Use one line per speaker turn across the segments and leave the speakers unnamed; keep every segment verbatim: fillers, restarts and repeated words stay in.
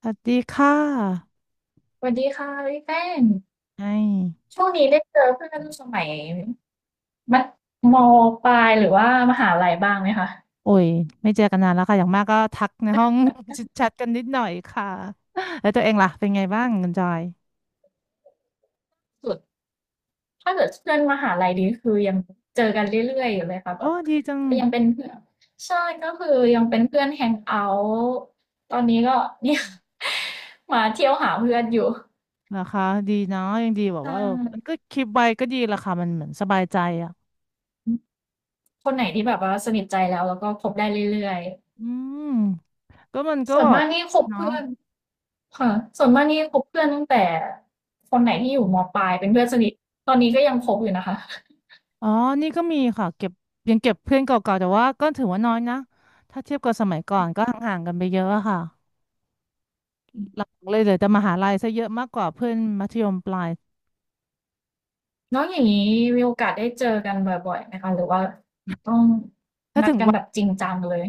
สวัสดีค่ะ
สวัสดีค่ะพี่แป้ง
ไอ้
ช่วงนี้ได้เจอเพื่อนสมัยมัธมปลายหรือว่ามหาลัยบ้างไหมคะ
โอ้ย ไม่เจอกันนานแล้วค่ะอย่างมากก็ทักในห้อง แชทกันนิดหน่อยค่ะแล้วตัวเองล่ะเป็นไงบ้างคุณจอย
สุดถ้าเกิดเพื่อนมหาลัยดีคือยังเจอกันเรื่อยๆอยู่เลยค่ะแบ
โอ้
บ
ดีจัง
ก็ยังเป็นเพื่อนใช่ก็คือยังเป็นเพื่อนแฮงเอาท์ตอนนี้ก็เนี่ย มาเที่ยวหาเพื่อนอยู่
เหรอคะดีเนาะยังดีแบบ
อ่
ว่าเออมัน
า
ก็คลิปไว้ก็ดีละค่ะมันเหมือนสบายใจอ่ะ
คนไหนที่แบบว่าสนิทใจแล้วแล้วก็คบได้เรื่อยๆ
อืม ก็มันก็
ส่วน
แบ
มา
บ
กนี่คบ
เนาะ
เพื่อนค่ะส่วนมากนี่คบเพื่อนตั้งแต่คนไหนที่อยู่มปลายเป็นเพื่อนสนิทตอนนี้ก็ยังคบอยู่นะคะ
อ๋อนี่ก็มีค่ะเก็บยังเก็บเพื่อนเก่าๆ แต่ว่าก็ถือว่าน้อยนะ ถ้าเทียบกับสมัยก่อนก็ห่างๆกันไปเยอะอะค่ะ
อืม
หลักๆเลยเหลือแต่มหาลัยซะเยอะมากกว่าเพื่อนมัธยมปลาย
แล้วอย่างนี้มีโอกาสได้เจอกันบ่อยๆไหมคะหรือว่าต้อง
ถ้า
นั
ถึ
ด
ง
กันแบบจริงจังเลย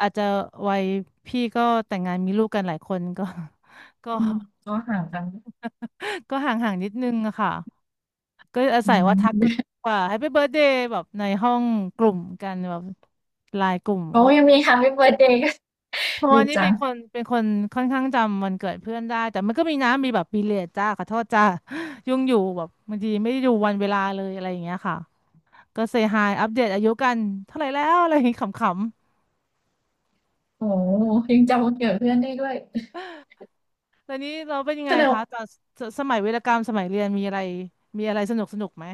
อาจจะวัยพี่ก็แต่งงานมีลูกกันหลายคนก็ ก็
อืม ก็ห่างกัน
ก็ห่างๆนิดนึงอะค่ะก็อา
อื
ศัยว่าทักกัน
ม
กว่า แฮปปี้เบิร์ธเดย์แบบในห้องกลุ่มกันแบบไลน์กลุ่ม
โอ
ก็แบ
ยั
บ
งมี แฮปปี้เบิร์ธเดย์ กัน
เพราะว่า
ดี
นี่
จั
เป็น
ง
คนเป็นคนค่อนข้างจำวันเกิดเพื่อนได้แต่มันก็มีน้ำมีแบบปีเลียดจ้าขอโทษจ้า ยุ่งอยู่แบบบางทีไม่ได้ดูวันเวลาเลยอะไรอย่างเงี้ยค่ะก็เซฮายอัปเดตอายุกันเท่าไหร่แล้วอะไรอย่างงี้ขำ
โอ้โฮยังจำวันเกิดเพื่อนได้ด้วย
แล้วนี้เราเป็นยัง
แส
ไง
ดง
คะ
ว่า
ตอนสสมัยวีรกรรมสมัยเรียนมีอะไรมีอะไรสนุกสนุกไหม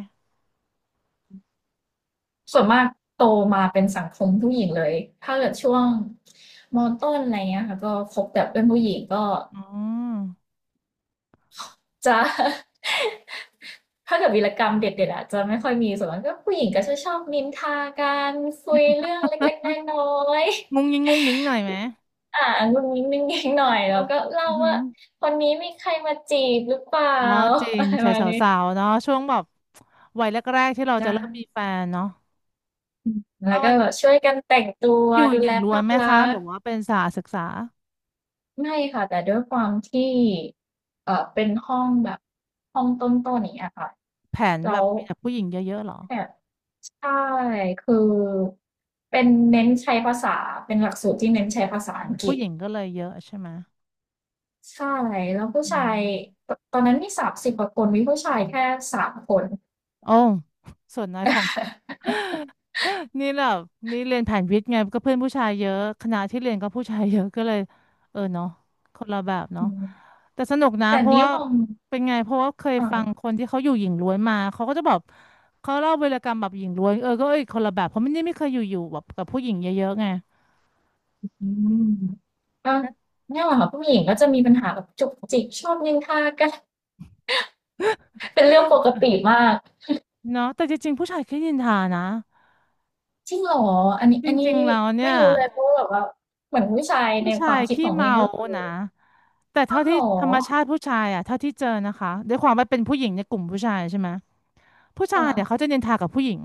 ส่วนมากโตมาเป็นสังคมผู้หญิงเลยถ้าเกิดช่วงมต้นอะไรเงี้ยค่ะก็คบแต่เพื่อนผู้หญิงก็
อ๋อ
จะ ถ้าเกิดวีรกรรมเด็ดๆอะจะไม่ค่อยมีส่วนมากก็ผู้หญิงก็จะชอบนินทากันคุยเรื่องเล็กๆน้อยๆ
งุงยิงงุงยิงหน่อยไหม
อ่างุนงิงๆหน่
ใช่
อย
พ
แล้
ว
ว
ก
ก็
อื
เล่า
อหือ
ว่าคนนี้มีใครมาจีบหรือเปล่า
อ๋อจริ ง
อะไรประ
ชาย
มา
ส
ณนี้
าวๆเนาะช่วงแบบวัยแรกๆที่เราจะ
จ้า
เริ่มมีแฟนเนาะ
แล้
ว่า
วก็
มัน
แบบช่วยกันแต่งตัว
อยู่
ดู
หญิ
แล
งล้ว
ภา
น
พ
ไหม
ลั
คะห
ก
รื
ษ
อ
ณ์
ว่าเป็นสาวศึกษา
ไม่ค่ะแต่ด้วยความที่เอ่อเป็นห้องแบบห้องต้นๆอย่างเงี้ยค่ะ
แผนแบ
แล้
บ
ว
มีแต่ผู้หญิงเยอะๆเหรอ
แอบ ใช่คือเป็นเน้นใช้ภาษาเป็นหลักสูตรที่เน้นใช้ภาษา
อ๋อ
อังก
ผู้
ฤษ
หญิงก็เลยเยอะใช่ไหม
ใช่แล้วผู้
อื
ชาย
ม
ตตอนนั้นมีสามสิบกว่าคนมีผู้ชายแค่สามคน
โอ้ส่วนน้อยของ นี่แบบนี่เรียนแผนวิทย์ไงก็เพื่อนผู้ชายเยอะคณะที่เรียนก็ผู้ชายเยอะก็เลยเออเนาะคนละแบบเนาะ
อืม
แต่สนุกนะ
แต่
เพราะ
นี่
ว่า
มอง
เป็นไงเพราะว่าเคย
อ
ฟังค
่า
นที่เขาอยู่หญิงล้วนมาเขาก็จะบอกเขาเล่าวีรกรรมแบบหญิงล้วนเออก็เอ้ยคนละแบบเพราะมันนี่ไม่เคยอยู่อยู่แบบกับผู้หญิงเยอะๆไง
อืมก็เนี่ยแหละค่ะผู้หญิงก็จะมีปัญหาแบบจุกจิกชอบนินทากัน เป็นเรื่องปกติมาก
เนาะแต่จริงๆผู้ชายขี้นินทานะ
จริงเหรออันนี้
จ
อัน
ริ
นี้
งๆแล้วเนี่
ไม่
ย
รู้เลยเพราะว่าแบบว่าเหมือนผู้ชาย
ผู้
ในค
ชา
วา
ย
มคิด
ขี้
ของเอ
เมา
งก็คือ
นะ แต่
อ้า
เท่า
วเหร
ที่
อ
ธรรมชาติผู้ชายอ่ะเท่าที่เจอนะคะด้วยความว่าเป็นผู้หญิงในกลุ่มผู้ชายใช่ไหมผู้ชายเนี่ยเขา
ค่ะ
จะนินทากับผู้หญิง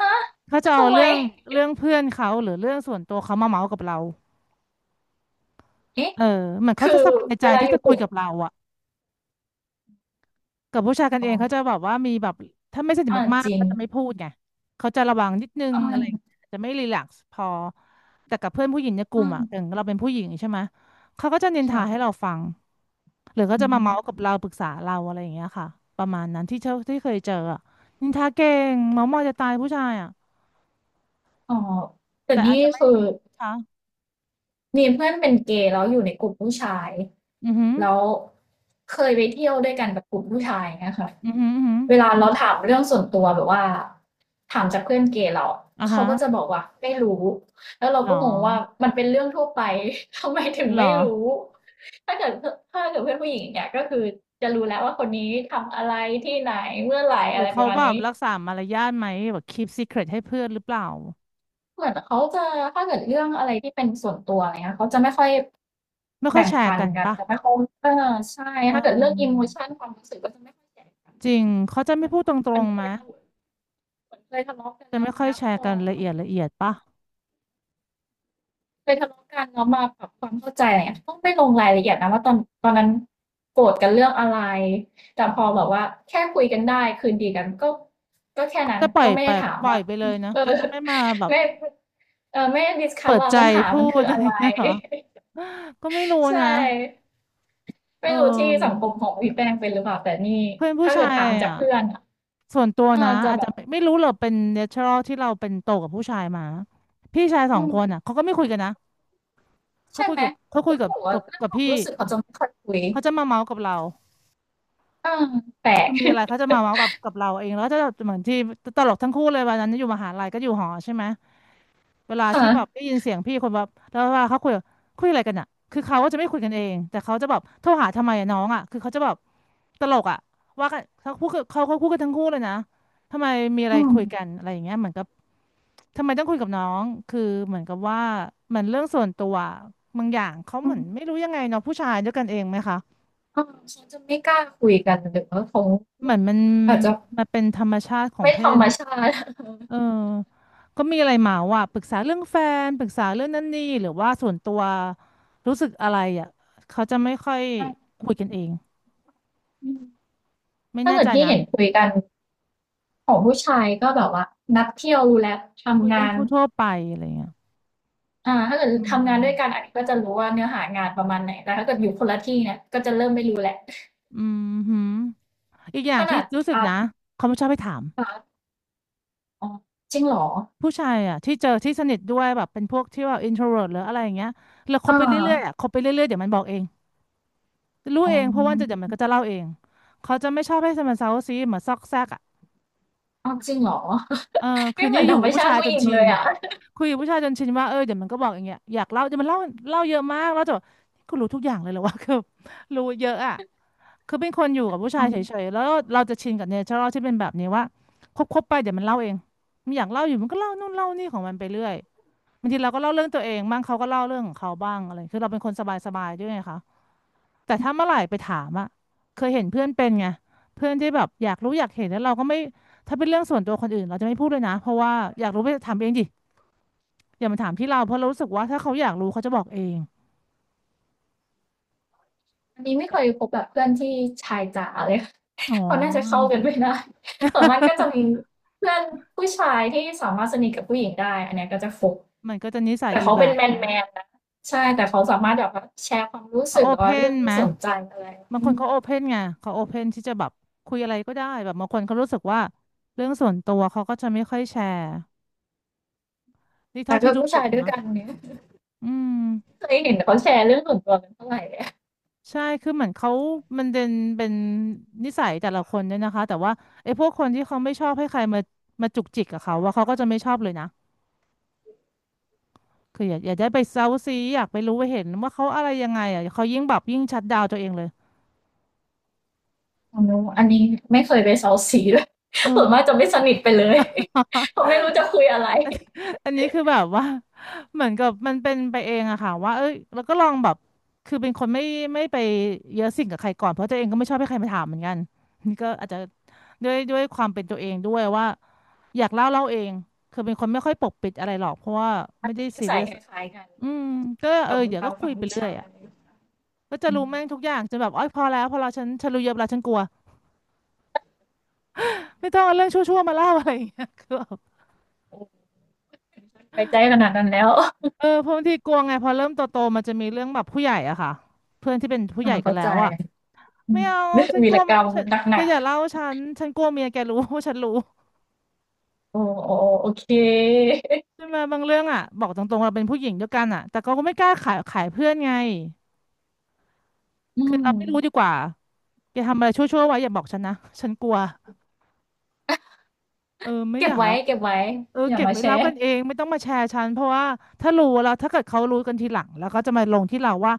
ฮะ
เขาจะเอา
ทำไม
เรื่องเรื่องเพื่อนเขาหรือเรื่องส่วนตัวเขามาเมาส์กับเรา
เอ๊ะ
เออเหมือนเขา
คื
จะ
อ
สบายใจ
เวลา
ที่
อ
จะ
ยู่ก
คุย
ลุ่ม
กับเราอ่ะ กับผู้ชายกัน
อ๋อ
เองเขาจะแบบว่ามีแบบถ้าไม่สนิท
อ่า
มาก
จริ
ๆ
ง
ก็จะไม่พูดไงเขาจะระวังนิดนึง
อ่
อะไรอย่างเงี้ย
า
จะไม่รีแลกซ์พอแต่กับเพื่อนผู้หญิงในกลุ่มอ่ะอย่าง
อ่า
เราเป็นผู้หญิงใช่ไหมเขาก็จะนินทาให้
ค่ะ
เราฟังหรือเขา
อื
จะมาเมาส์กับ
ม
เราปรึกษาเราอะไรอย่างเงี้ยค่ะประมาณนั้นที่เจอที่เคยเจออะนินทาเก่งเมาส์มอยจะตายผู้ชายอ่ะ
อ๋อแต่
แต่อาจ
นี่
จะไม่
คือ
ค่ะ
มีเพื่อนเป็นเกย์แล้วอยู่ในกลุ่มผู้ชาย
อือหือ
แล้วเคยไปเที่ยวด้วยกันกับกลุ่มผู้ชายเนะคะ
อือหืออือหือ
เวลาเราถามเรื่องส่วนตัวแบบว่าถามจากเพื่อนเกย์เรา
อ่า
เขา
ฮะ
ก็จะบอกว่าไม่รู้แล้วเรา
หรอ
ก็งงว่ามันเป็นเรื่องทั่วไป ทำไมถึง
หรอ
ไม่รู้ถ้าเกิดถ้าเกิดเพื่อนผู้หญิงงเนี่ยก็คือจะรู้แล้วว่าคนนี้ทำอะไรที่ไหนเมื่อไหร่
หรื
อะ
อ
ไรป
เขา
ระมาณ
แบบ
นี้
รักษามารยาทไหมแบบ คีพซีเคร็ท ให้เพื่อนหรือเปล่า
เหมือนเขาจะถ้าเกิดเรื่องอะไรที่เป็นส่วนตัวอะไรเงี้ยเขาจะไม่ค่อย
ไม่ค่อย
แบ่ง
แชร์
ปัน
กัน
กัน
ปะ
จะไม่ค่อยเออใช่
เอ
ถ้าเกิดเรื่องอิโม
อ
ชันความรู้สึกก็จะไม่ค่อยแชร์กัน
จริง เขาจะ
เห
ไม่
มือน
พูดตร
เหมือน
ง
เค
ๆ
ย
มะ
ทำเหมือนเคยทะเลาะกัน
จะ
แล้ว
ไม่ค่อย
เงี้ย
แช
พ
ร์
อ
กันละเอียดละเอียดปะ
เคยทะเลาะกันแล้วมาปรับความเข้าใจอะไรเงี้ยต้องไม่ลงรายละเอียดนะว่าตอนตอนนั้นโกรธกันเรื่องอะไรแต่พอแบบว่าแค่คุยกันได้คืนดีกันก็ก็แค่
เขา
นั้น
จะปล่อ
ก็
ย
ไม่
ไป
ได้ถาม
ปล่อย
ว่า
ไปเลยนะ
เออ
เขาจะไม่มาแบบ
ไม่เออไม่ได้ดิสคัด
เปิด
ว่า
ใจ
ปัญหา
พู
มันคื
ด
อ
อะ
อะ
ไร
ไร
เงี้ยเหรอก็ไม่รู้
ใช่
นะเ
ไม่รู้ที่สัง
ออ
คมของพี่แป้งเป็นหรือเปล่าแต่นี่
เพื่อนผู้
ถ้า
ชา
เกิด
ย
ถามจาก
อ่ะ
เพื่อนอ่ะ
ส่วนตัว
เออ
นะ
จะ
อาจ
แบ
จะ
บ
ไม่ไม่รู้หรอกเป็นเนเชอรัลที่เราเป็นโตกับผู้ชายมา พี่ชายสอ
อื
ง
ม
คนอ่ะเขาก็ไม่คุยกันนะ เขา
ใช่
คุย
ไหม
กับเขาคุ
แล้
ย
ว
กับ
แบกว่า
กับ
เรื่อง
กับ
ความ
พี่
รู้สึกเขาจะไม่ค่อยคุย
เขาจะมาเมาส์กับเรา
เอ่าแปล
คื
ก
อมีอะไรเขาจะมาเมาส์กับกับเราเองแล้วก็จะเหมือนที่ตลกทั้งคู่เลยวันนั้นอยู่มหาลัยก็อยู่หอใช่ไหมเวลา ที่
ค่ะ
แบบได้ยินเสียงพี่คนแบบแล้วเวลาเขาคุยคุยอะไรกันอ่ะคือเขาก็จะไม่คุยกันเองแต่เขาจะแบบโทรหาทำไมอะน้องอ่ะคือเขาจะแบบตลกอ่ะว่ากันเขาพูดกับเขาเขาพูดกันทั้งคู่เลยนะทำไมมีอะไร
อืม
คุยกันอะไรอย่างเงี้ยเหมือนกับทำไมต้องคุยกับน้องคือเหมือนกับว่ามันเรื่องส่วนตัวบางอย่างเขา
อื
เหมือนไม่
ม
รู้ยังไงเนาะผู้ชายด้วยกันเองไหมคะ
เออเขาจะไม่กล้าคุยกันหรือว่าเขา
เหมือนมัน
อาจจะ
มันเป็นธรรมชาติของ
ไม่
เพ
ธร
ศ
รมชาติ
เออก็มีอะไรเมาอ่ะปรึกษาเรื่องแฟนปรึกษาเรื่องนั่นนี่หรือว่าส่วนตัวรู้สึกอะไรอ่ะเขาจะไม่ค่อย
ใช่
คุยกันเอง
อืม
ไม่
ถ้า
แน่
เกิด
ใจ
ที่
นะ
เห็นคุยกันของผู้ชายก็แบบว่านัดเที่ยวรู้แล้ว
คุย
ทำ
เรื่
งา
อง
น
ทั่วๆไปอะไรเงี้ย
อ่าถ้าเกิด
อื
ทำงานด้วยกัน
ม
อันนี้ก็จะรู้ว่าเนื้อหางานประมาณไหนแต่ถ้าเกิดอยู่คนละที่เนี่ยก็จะเริ่มไม่รู้แหละว
อืมหืมอีกอย่า
ข
งที่
นาด
รู้สึก
อ่า
นะเขาไม่ชอบให้ถาม
อ่าอ๋อจริงเหรอ
ผู้ชายอ่ะที่เจอที่สนิทด้วยแบบเป็นพวกที่ว่า อินโทรเวิร์ท หรืออะไรอย่างเงี้ยแล้วคบ
อา
ไปเรื่อยๆอ่ะคบไปเรื่อยๆเดี๋ยวมันบอกเองรู้
อ๋อ
เองเพราะว่าจะเดี๋ยวมันก็จะเล่าเองเขาจะไม่ชอบให้มันเซาซีเหมือนซอกแซกอ่ะ
ออจริงเหรอ
เออคื
ไม่
น
เห
นี้
มือน
อ
ธ
ยู่
รร
กั
ม
บผู้
ชา
ชา
ติ
ย
ผู้
จ
ห
น
ญิง
ชิ
เล
น
ยอะ
คุยกับผู้ชายจนชินว่าเออเดี๋ยวมันก็บอกอย่างเงี้ยอยากเล่าเดี๋ยวมันเล่าเล่าเยอะมากแล้วจะแนี่กูรู้ทุกอย่างเลยเหรอวะ คือรู้เยอะอ่ะคือเป็นคนอยู่กับผู้ชา
อ
ย
ม
เฉยๆแล้วเราจะชินกับเนเชอรัลที่เป็นแบบนี้ว่าคบๆไปเดี๋ยวมันเล่าเองมันอยากเล่าอยู่มันก็เล่านู่นเล่านี่ของมันไปเรื่อยบางทีเราก็เล่าเรื่องตัวเองบ้างเขาก็เล่าเรื่องของเขาบ้างอะไรคือเราเป็นคนสบายๆด้วยไงคะ แต่ถ้า
อ
เมื่อไหร่ไปถามอะเคยเห็นเพื่อนเป็นไงเพื่อนที่แบบอยากรู้อยากเห็นแล้วเราก็ไม่ถ้าเป็นเรื่องส่วนตัวคนอื่นเราจะไม่พูดเลยนะเพราะว่าอยากรู้ไปถามเองดิอย่ามาถามที่เราเพราะเรารู้สึกว่าถ้าเขาอยากรู้เขาจะบอกเอง
ันนี้ไม่เคยพบแบบเพื่อนที่ชายจ๋าเลย
อ๋
เขาน่าจะเข้า
อ
กันไม่ได้ ส่วนมากก็จะมีเพื่อนผู้ชายที่สามารถสนิทกับผู้หญิงได้อันเนี้ยก็จะคบ
มันก็จะนิสัย
แต่
อีก
เขา
แบ
เป็น
บ
แมนแมนนะใช่แต่เขาสามารถแบบว่าแชร์ความรู้
เขา
สึก
โอ
หรือ
เพ
ว่าเรื่
น
อง
ไห
ที่
ม
สนใจอะไร
บาง
อื
คน
ม
เขาโอเพนไงเขาโอเพนที่จะแบบคุยอะไรก็ได้แบบบางคนเขารู้สึกว่าเรื่องส่วนตัวเขาก็จะไม่ค่อยแชร์นี่
แต่
เท่าที่
กับ
รู้
ผู้
สึ
ชา
ก
ยด้วย
นะ
กันเนี่ย
อืม
เคยเห็นเขาแชร์เรื่องส่วนตัวกันเท่าไหรเลย
ใช่ คือเหมือนเขามันเป็นเป็นนิสัยแต่ละคนเนี่ยนะคะ แต่ว่าไอ้พวกคนที่เขาไม่ชอบให้ใครมามาจุกจิกกับเขา ว่าเขาก็จะไม่ชอบเลยนะคืออยากอยากได้ไปเซาซี อยากไปรู้ไปเห็นว่าเขาอะไรยังไงอ่ะเขายิ่งแบบยิ่งชัดดาวน์ตัวเองเลย
อ๋อนนู้นอันนี้ไม่เคยไปเซ้าซีด้วย
เอ
ส่วน
อ
มากจะไม่สนิทไปเลย เพราะไม่รู้จะคุยอะไร
อัน อันนี้คือแบบว่า เหมือนกับมันเป็นไปเองอะค่ะว่าเอ้ยแล้วก็ลองแบบคือเป็นคนไม่ไม่ไปเยอะสิ่งกับใครก่อนเพราะตัวเองก็ไม่ชอบให้ใครมาถามเหมือนกันนี่ก็อาจจะด้วยด้วยความเป็นตัวเองด้วยว่าอยากเล่าเล่าเองคือเป็นคนไม่ค่อยปกปิดอะไรหรอกเพราะว่า
อัน
ไม่ได้
นี้
ซี
ใส่
เรียส
คล้ายๆกัน
อืมก็เออ
กับ
เดี๋ยว
ทา
ก็
ง
คุ
ฝั่
ย
ง
ไป
ผู้
เรื่อย
ชาย
อะก็จะ
อื
รู้แม่ง
ม
ทุกอย่างจนแบบอ้อยพอแล้วพอแล้วฉันฉันรู้เยอะแล้วฉันกลัวไม่ต้องเอาเรื่องชั่วๆมาเล่าอะไรอย่างเงี้ย คือ
โอ้ยไม่้ใจขนาดนั้นแล้ว
เออเพราะบางทีกลัวไงพอเริ่มโตๆมันจะมีเรื่องแบบผู้ใหญ่อะค่ะเพื่อนที่เป็นผู้ให
อา
ญ่กัน
เข้า
แล้
ใจ
วอะ
อื
ไม่
ม
เอา ฉัน
วี
กลั
ร
ว
กรรม
ฉัน
ห
แก
นัก
อย่าเล่าฉัน ฉันกลัวเมียแกรู้ ว่าฉันรู้
ๆ โอ้ๆโอเค
ใช่ไหมบางเรื่องอะบอกตรงๆเราเป็นผู้หญิงด้วยกันอะแต่ก็ไม่กล้าขายขายเพื่อนไง
อื
คือ
ม
เราไม่รู้ดีกว่าแกทำอะไรชั่วๆไว้อย่าบอกฉันนะ ฉันกลัวเออ ไม่
เก็
อ
บ
ยาก
ไว้
รับ
เก็บไว้
เออ
อย่า
เก็บ
มา
ไว้
แช
เล่า
ร์
กันเอง ไม่ต้องมาแชร์ฉันเพราะว่าถ้ารู้แล้วถ้าเกิดเขารู้กันทีหลังแล้วก็จะมาลงที่เราว่า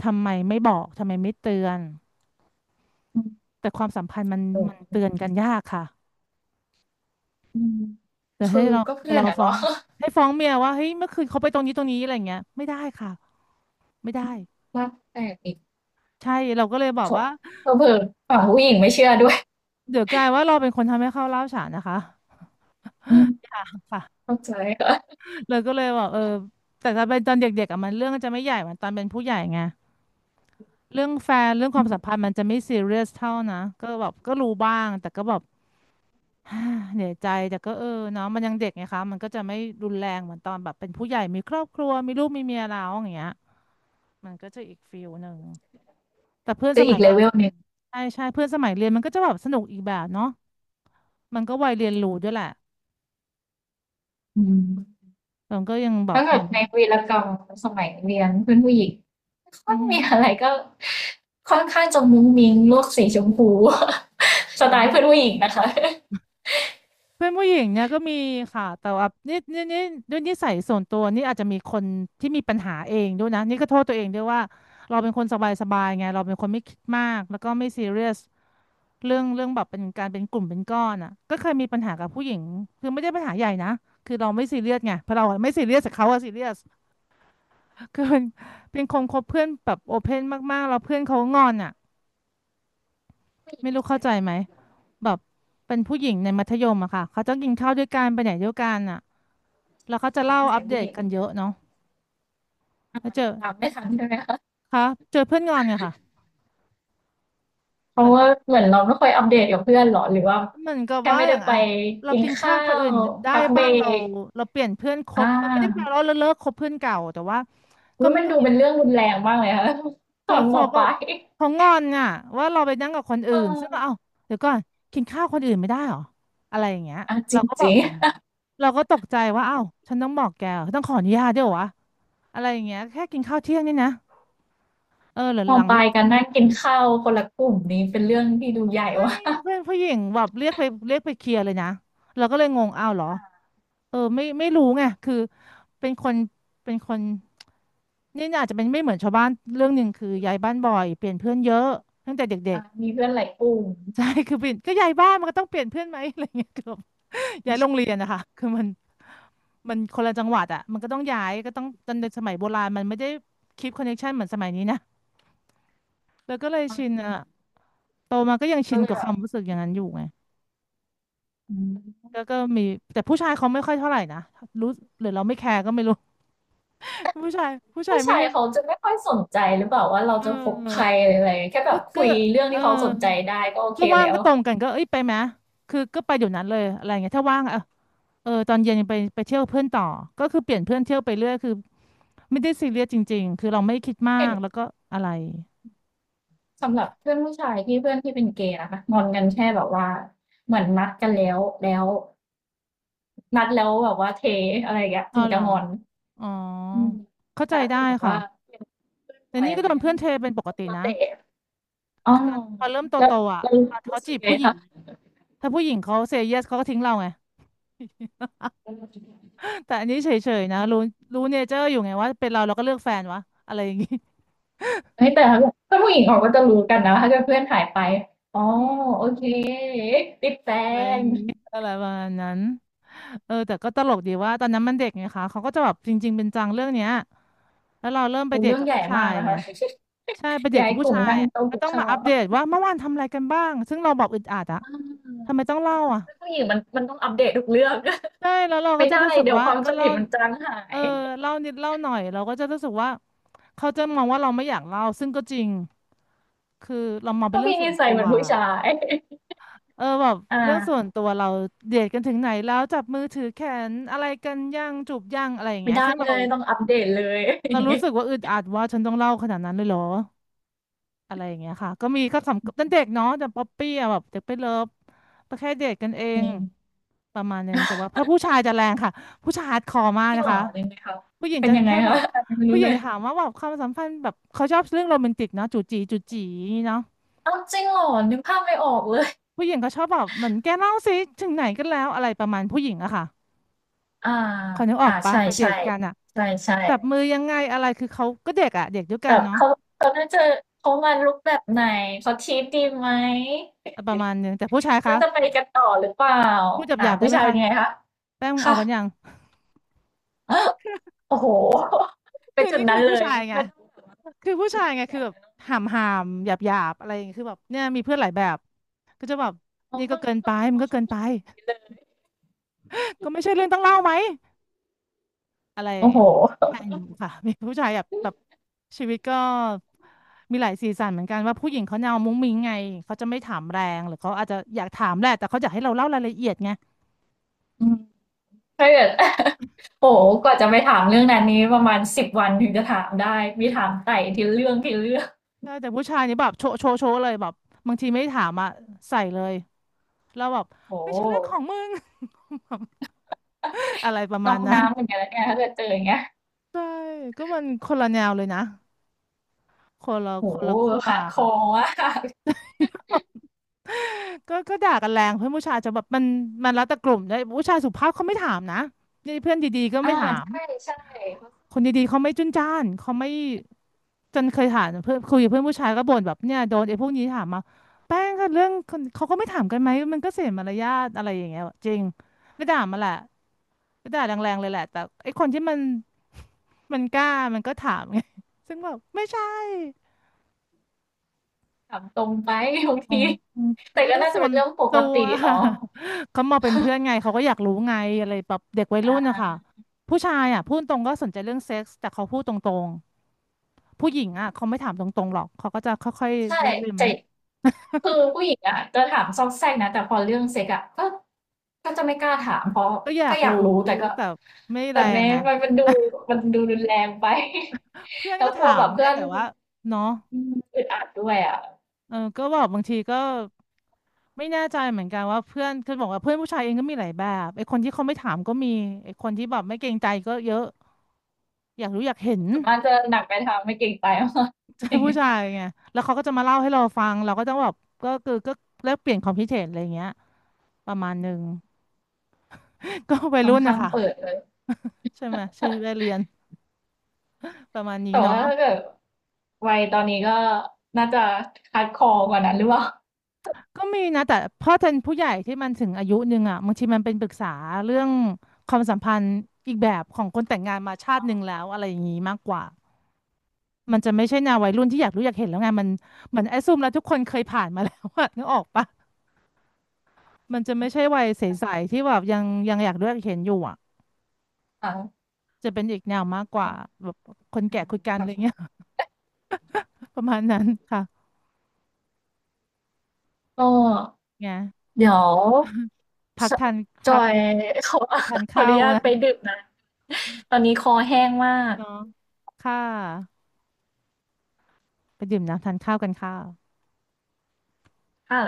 ทำไมไม่บอกทำไมไม่เตือน
อืม
แต่ความสัมพันธ์มันมัน
เออ
เตือนกันยากค่ะ
อืม
แต่
คื
ให้
อ
เรา
ก็
ไป
เพื่อ
เรา
นอะ
ฟ้อ
เนาะ
งให้ฟ้องเมียว่าเฮ้ยเมื่อคืนเขาไปตรงนี้ตรงนี้อะไรเงี้ยไม่ได้ค่ะไม่ได้
ว่าแต่อีก
ใช่เราก็เลยบอ
ข
กว่า
เผลอๆฝั่งผู้หญิงไม่เชื่อด้วย
เดี๋ยวกลายว่าเราเป็นคนทำให้เขาเล่าวฉานนะคะ
อืม
ค่ะ
เข้าใจค่ะ
เลยก็เลยบอกเออแต่ถ้าเป็นตอนเด็กๆอ่ะมันเรื่องมันจะไม่ใหญ่เหมือนตอนเป็นผู้ใหญ่ไงเรื่องแฟนเรื่องค
อื
วามสัม
ม
พันธ์มันจะไม่ซีเรียสเท่านะก็แบบก็รู้บ้างแต่ก็แบบ เหนื่อยใจแต่ก็เออเนาะมันยังเด็กไงคะมันก็จะไม่รุนแรงเหมือนตอนแบบเป็นผู้ใหญ่มีครอบครัวมีลูกมีเมียแล้วอย่างเงี้ย มันก็จะอีกฟิลหนึ่งแต่เพื่อนส
จะ
มั
อี
ย
ก
ว
เล
ลา
เวลหนึ่ง
ใช่ใช่เพื่อนสมัยเรียนมันก็จะแบบสนุกอีกแบบเนาะมันก็วัยเรียนรู้ด้วยแหละ
อืม
แต่มันก็ยังแบบ
ถ้า
เห
เกิด
มือน
ในวีรกรรมสมัยเรียนเพื่อนผู้หญิงไม่ค่
อื
อย
อหื
มี
อ
อะไรก็ค่อนข้างจะมุ้งมิ้งโลกสีชมพู สไต
เนาะ
ล์เพื่อนผู้หญิงนะ
เพื่อนผู้หญิงเนี่ยก็มีค่ะแต่ว่านี่นี่นี่ด้วยนิสัยส่วนตัวนี่อาจจะมีคนที่มีปัญหาเองด้วยนะนี่ก็โทษตัวเองด้วยว่าเราเป็นคนสบายสบายไงเราเป็นคนไม่คิดมากแล้วก็ไม่ซีเรียสเรื่องเรื่องแบบเป็นการเป็นกลุ่มเป็นก้อนอ่ะก็เคยมีปัญหากับผู้หญิงคือไม่ได้ปัญหาใหญ่นะคือเราไม่ซีเรียสไงเพราะเราอะไม่ซีเรียสแต่เขาอะซีเรียส คือเป็นเป็นคนคบเพื่อนแบบโอเพนมากๆแล้วเพื่อนเขางอนอ่ะไม่รู้เข้าใจ
คะ
ไหมแบบเป็นผู้หญิงในมัธยมอะค่ะเขาต้องกินข้าวด้วยกันไปไหนด้วยกันอะแล้วเขาจะ
ใชา
เล่า
นิ
อั
สั
ป
ย
เด
ผู้ห
ต
ญิง
กันเยอะเนาะแล้วเจอ
ตามไม่ทันใช่ไหมคะ
คะเจอเพื่อนงอนเนี่ยค่ะ
เพ
เหมื
ราะ
อน
ว่า
เรา
เหมือนเราไม่ค่อยอัปเดตกับเพื่อนหรอหรือว่า
เหมือนกับ
แค่
ว่า
ไม่
อ
ได้
ย่าง
ไป
อะเรา
กิน
กินข้าว
ข้า
คน
ว
อื่นได้
พักเบ
บ้า
ร
งเรา
ก
เราเปลี่ยนเพื่อนค
อ่า
บมันไม่ได้แปลว่าเราเลิกคบเพื่อนเก่าแต่ว่าก็
อุ๊ย
มั
มั
น
น
ก็
ดูเป็นเรื่องรุนแรงมากเลยค่ะ ต
เขา
อนม
เขาแบ
ป
บ
ลาย
เขางอนอ่ะว่าเราไปนั่งกับคนอื่
เออ
นซึ่งก็เอ้าเดี๋ยวก่อนกินข้าวคนอื่นไม่ได้เหรออะไรอย่างเงี้ย
อ่ะจ
เราก็บอ
ริ
ก
ง
เราก็ตกใจว่าเอ้าฉันต้องบอกแกเหรอต้องขออนุญาตด้วยเหรอวะอะไรอย่างเงี้ยแค่กินข้าวเที่ยงนี่นะเออหลัง
ๆ
หลั
ม
ง
ป
เลิ
ลาย
ก
กันนั่งกินข้าวคนละกลุ่มนี้เป็นเรื่องที่ดูใหญ่
ใช่
ว่ะ
เพื่อนผู้หญิงแบบเรียกไปเรียกไปเคลียร์เลยนะเราก็เลยงงอ้าวเหรอเออไม่ไม่รู้ไงคือเป็นคนเป็นคนนี่อาจจะเป็นไม่เหมือนชาวบ้านเรื่องหนึ่งคือย้ายบ้านบ่อยเปลี่ยนเพื่อนเยอะตั้งแต่เด็ก
อ่ะมีเพื่อนหลายกลุ่ม
ใช่ คือเปลี่ยนก็ย้ายบ้านมันก็ต้องเปลี่ยนเพื่อนไหม อะไรเงี้ยเกือบ ย้ายโรงเรียนนะคะ คือมันมันคนละจังหวัดอ่ะมันก็ต้องย้ายก็ต้องตอนเด็กสมัยโบราณมันไม่ได้คีปคอนเนคชันเหมือนสมัยนี้นะแล้วก็เลยชิน
อ่ะ
อ่ะโตมาก็ยังชิ
ก็
น
เลย
กับ
แบ
ควา
บ
มรู้สึกอย่างนั้นอยู่ไง
อืม
แล้วก็มีแต่ผู้ชายเขาไม่ค่อยเท่าไหร่นะรู้หรือเราไม่แคร์ก็ไม่รู้ ผู้ชายผู้ชาย
ผู้
ไม่
ชาย
เล่น
เขาจะไม่ค่อยสนใจหรือเปล่าว่าเรา
เ
จะคบใคร
ออ
อะไราแค่แบ
ก็
บ
ก็
คุยเรื่อง
เออ
ที่เขาสนใจได้ก็โอเค
ก็ว่าง
แล้ว
ก็ตรงกันก็เอ้ยไปไหมคือก็ไปเดี๋ยวนั้นเลยอะไรเงี้ยถ้าว่างเออ เออตอนเย็นยังไปไปเที่ยวเพื่อนต่อก็คือเปลี่ยนเพื่อนเที่ยวไปเรื่อยคือไม่ได้ซีเรียสจริงๆคือเราไม่คิดมา
เห็น
กแล้วก็อะไร
สำหรับเพื่อนผู้ชายที่เพื่อนที่เป็นเกย์นะคะงอนกันแค่แบบว่าเหมือนนัดกันแล้วแล้วนัดแล้วแบบว่าเทอะไรอย่างเงี้ย
อ๋อ
ถึง
เหร
จะ
อ
งอน
อ๋อ
อืม
เข้าใจ
แต่ถ้าเป็น
ได้
แบบ
ค่ะ
ว่าเป็นเพื่อนป
แต่
ล่อย
นี่
อะ
ก็
ไร
โดน
เงี้ย
เพื่อนเท
ก็
เป็นปกติ
แล้ว
นะ
แต่อ๋อ
พอเริ่ม
แล้
โต
ว
ๆอ่ะ
แล้ว
อ่ะเขา
รู้สึ
จี
ก
บ
ไง
ผู้หญิ
คะ
งถ้าผู้หญิงเขาเซเยสเขาก็ทิ้งเราไง แต่อันนี้เฉยๆนะรู้รู้เนเจอร์อยู่ไงว่าเป็นเราเราก็เลือกแฟนวะอะไรอย่างงี้
เฮ้ยแต่ถ้าแบบเพื่อนผู้หญิงเขาก็จะรู้กันนะถ้าเกิดเพื่อนหายไปอ๋อ
อื
โอเค
ม
ติดแฟ
อะไรอ
น
ย่างเงี้ยอะไรประมาณนั้นเออแต่ก็ตลกดีว่าตอนนั้นมันเด็กไงคะเขาก็จะแบบจริงๆเป็นจังเรื่องเนี้ยแล้วเราเริ่มไป
โอ้โฮ
เดท
เรื่อง
กับ
ใหญ่
ผู้ชา
มาก
ย
นะ
ไง
คะ
ใช่ไปเด ท
ย้าย
กับ
ก
ผู้
ลุ่ม
ชาย
นั่ง
อ่ะ
โต๊ะ
ก็
กิน
ต้อง
ข้า
มา
ว
อัป
อ
เดตว่าเมื่อวานทำอะไรกันบ้างซึ่งเราบอกอึดอัดอะ
า
ทำไมต้องเล่าอ่ะ
เพื่อนผู้หญิงมันมันต้องอัปเดตทุกเรื่อง
ใช่แล้วเราก็
ไม่
จะ
ได้
รู้สึก
เดี๋ยว
ว่า
ความ
ก็
สนิ
เล่า
ทมันจางหา
เออ
ย
เล่านิดเล่าหน่อยเราก็จะรู้สึกว่าเขาจะมองว่าเราไม่อยากเล่าซึ่งก็จริงคือเรามอง เป็
ก็
นเรื่อง
พี่
ส่
นิ
วน
สัย
ตั
เห
ว
มือนผู้ชาย
เออแบบ
อ่า
เรื่องส่วนตัวเราเดทกันถึงไหนแล้วจับมือถือแขนอะไรกันยังจูบยังอะไรอย่าง
ไม่
เงี้ย
ได้
ซึ่ง
เล
เรา
ยต้องอัปเดตเลย อ
เรา
ย่าง
รู้
เงี้ย
สึกว่าอึดอัดว่าฉันต้องเล่าขนาดนั้นเลยเหรออะไรอย่างเงี้ยค่ะก็มีก็สำตั้งเด็กเนาะแต่ป๊อปปี้อะแบบเด็กไปเลิฟก็แค่เดทกันเอ
จ
ง
ริง
ประมาณนึงแต่ว่าเพราะผู้ชายจะแรงค่ะผู้ชายฮาร์ดคอร์มาก
จริง
นะ
เหร
คะ
อจริงไหมคะ
ผู้หญิง
เป็น
จะ
ยังไง
แค่แบ
คะ
บ
ไม่
ผู้
รู้
หญิ
เล
ง
ย
ถามว่าแบบความสัมพันธ์แบบเขาชอบเรื่องโรแมนติกเนาะจูจีจูจีเนาะ
เอ้าจริงเหรอนึกภาพไม่ออกเลย
ผู้หญิงเขาชอบแบบเหมือนแกเล่าสิถึงไหนกันแล้วอะไรประมาณผู้หญิงอะค่ะ
อ่า
ขอนึกออ
อ่า
กปะ
ใช่
ไปเด
ใช่
ทกันอะ
ใช่ใช่
จับมือยังไงอะไรคือเขาก็เด็กอะเด็กด้วย
แบ
กัน
บ
เนาะ
เขาเขาน่าจะเขามาลุคแบบไหนเขาทีปดีไหม
ประมาณนึงแต่ผู้ชายคะ
น่าจะไปกันต่อหรือเปล่า
พูดห
อ่า
ยาบๆได้
ผู้
ไหม
ชายเป็
คะ
นยังไงคะ
แป้งมึงเอา
ค่ะ
กันยัง
โอ้โฮ ไป
คือ
จุด
นี่คื
นั้
อ
นเล
ผู้
ย
ชายไง
ไม่ต้องแบบว่า
คือผู้
มือ
ชาย
ถือ
ไง
แข็
คือ
ง
แบ
เล
บ
ยเนาะ
หามหามหยาบหยาบๆอะไรอย่างเงี้ยคือแบบเนี่ยมีเพื่อนหลายแบบก็จะแบบ
อ๋อ
นี่ก็
ต้อง
เกิน
ต้
ไป
องดู
มัน
ว่า
ก็
เขา
เกิน
พู
ไป
ดกันอย่างนี้เล ย
ก็ไม่ใช่เรื่องต้องเล่าไหม อะไรอย่า
โอ้
ง
โฮ
เงี้ยใช่อยู่ค่ะ มีผู้ชายแบบแบบชีวิตก็มีหลายสีสันเหมือนกันว่าผู้หญิงเขาแนวมุ้งมิ้งไงเขาจะไม่ถามแรงหรือเขาอาจจะอยากถามแหละแต่เขาอยากให้เราเล่ารายละเอียดไง
อืมถ้าเกิด โอ้โฮกว่าจะไปถามเรื่องนั้นนี้ประมาณสิบวันถึงจะถามได้มีถามไต่ทีละเรื่องทีละเรื่อง
ใช่แต่ผู้ชายนี่แบบโชว์โชว์โชว์เลยแบบบางทีไม่ถามอ่ะใส่เลยแล้วแบบ
โอ้
ไม่
โฮ
ใช่เรื่องของมึง อะไรประ
น
มา
อ
ณ
ก
นั้น
น้ำเหมือนกันนะเนี่ยถ้าเกิดเจออย่างเงี้ย
ใช่ก็มันคนละแนวเลยนะคนละ
โอ้
คน
โฮ
ละขั้วค่ะ
hardcore มาก
ก็ก็ด่ากันแรงเพื่อนผู้ชายจะแบบมันมันแล้วแต่กลุ่มด้วยผู้ชายสุภาพเขาไม่ถามนะนี่เพื่อนดีๆก็
อา
ไม่ถาม
ใช่ๆเขา
คน
ก็
ดีๆเขาไม่จุนจ้านเขาไม่จนเคยถามเพื่อนคุยกับเพื่อนผู้ชายก็บ่นแบบเนี่ยโดนไอ้พวกนี้ถามมาแป้งก็เรื่องคนเขาก็ไม่ถามกันไหมมันก็เสียมารยาทอะไรอย่างเงี้ยจริงไม่ด่ามาแหละไม่ด่าแรงๆเลยแหละแต่ไอ้คนที่มัน มันกล้ามันก็ถามไงซึ่งแบบไม่ใช่
ถามตรงไป บาง
ขอ
ที
งก็
แต่ก็
เรื่อง
น่าจะ
ส่ว
เป็น
น
เรื่องปก
ตัว
ติ เนาะ
เขามองเป็นเพื่อนไงเขาก็อยากรู้ไงอะไรแบบเด็กวัย
อ
รุ่นนะคะ
า
ผู้ชายอ่ะพูดตรงก็สนใจเรื่องเซ็กส์แต่เขาพูดตรงๆผู้หญิงอ่ะเขาไม่ถามตรงๆหรอกเขาก็จะค่อย
ใช่
ๆแลลืม
แตคือผู้หญิงอ่ะจะถามซอกแซกนะแต่พอเรื่องเซ็กอ่ะก็ก็จะไม่กล้าถามเพราะ
ก็อยา
ก็
ก
อยา
รู้
กรู้แต่ก็
แต่ไม่
แต่
แรง
แม้
ไง
มันมันดูมันดูรุนแรงไป
เพื่อ น
แล้ว
ก็
กลั
ถา
วแบ
ม
บ
ไง
เพื่อน
แต่ว่าเนาะ
อืมอึดอัดด้วยอ่ะ
เออก็บอกบางทีก็ไม่แน่ใจเหมือนกันว่าเพื่อนคือบอกว่าเพื่อนผู้ชายเองก็มีหลายแบบไอ้คนที่เขาไม่ถามก็มีไอ้คนที่แบบไม่เกรงใจก็เยอะอยากรู้อยากเห็น
ส่วนมากจะหนักไปทางไม่เกรงใจมาก
ใจ
อย่าง
ผู้
เงี้ย
ชา ยไงแล้วเขาก็จะมาเล่าให้เราฟังเราก็ต้องแบบก็คือก็แลกเปลี่ยนความคิดเห็นอะไรอย่างเงี้ยประมาณหนึ่ง ก็วัย
ค่อน
รุ่นนะ
ข้างเปิด
คะ
เลย
ใช่ไหมชีวิตวัยเรียนประมาณ นี้
แต่ว่า
เนาะ
ถ้าเกิดวัยตอนนี้ก็น่าจะคัดคอกว่านั้นหรือเปล่า
ก็มีนะแต่พ่อแทันผู้ใหญ่ที่มันถึงอายุหนึ่งอ่ะบางทีมันเป็นปรึกษาเรื่องความสัมพันธ์อีกแบบของคนแต่งงานมาชาติหนึ่งแล้วอะไรอย่างนี้มากกว่ามันจะไม่ใช่แนววัยรุ่นที่อยากรู้อยากเห็นแล้วไงมันเหมือนแอสซูมแล้วทุกคนเคยผ่านมาแล้วอะ นึกออกปะมันจะไม่ใช่วัยใสๆที่แบบยังยังอยากรู้อยากเห็นอยู่อ่ะ
อ่ะ
จะเป็นอีกแนวมากก
ข
ว่า
อบ
แบบคนแก่คุยกันอะไร
คุ
เงี้ย
ณ
ประมาณนั้นค่ะ
ก็
ไง
เดี๋ยว
พัก
ส
ทาน
จ
พัก
อย ขอ
ไป
ข
ทาน
ออ
ข้า
นุ
ว
ญาต
นะ
ไปดื่มน้ำตอนนี้คอแห้งมาก
เนาะค่ะไปดื่มน้ำทานข้าวกันค่ะ
ค่ะ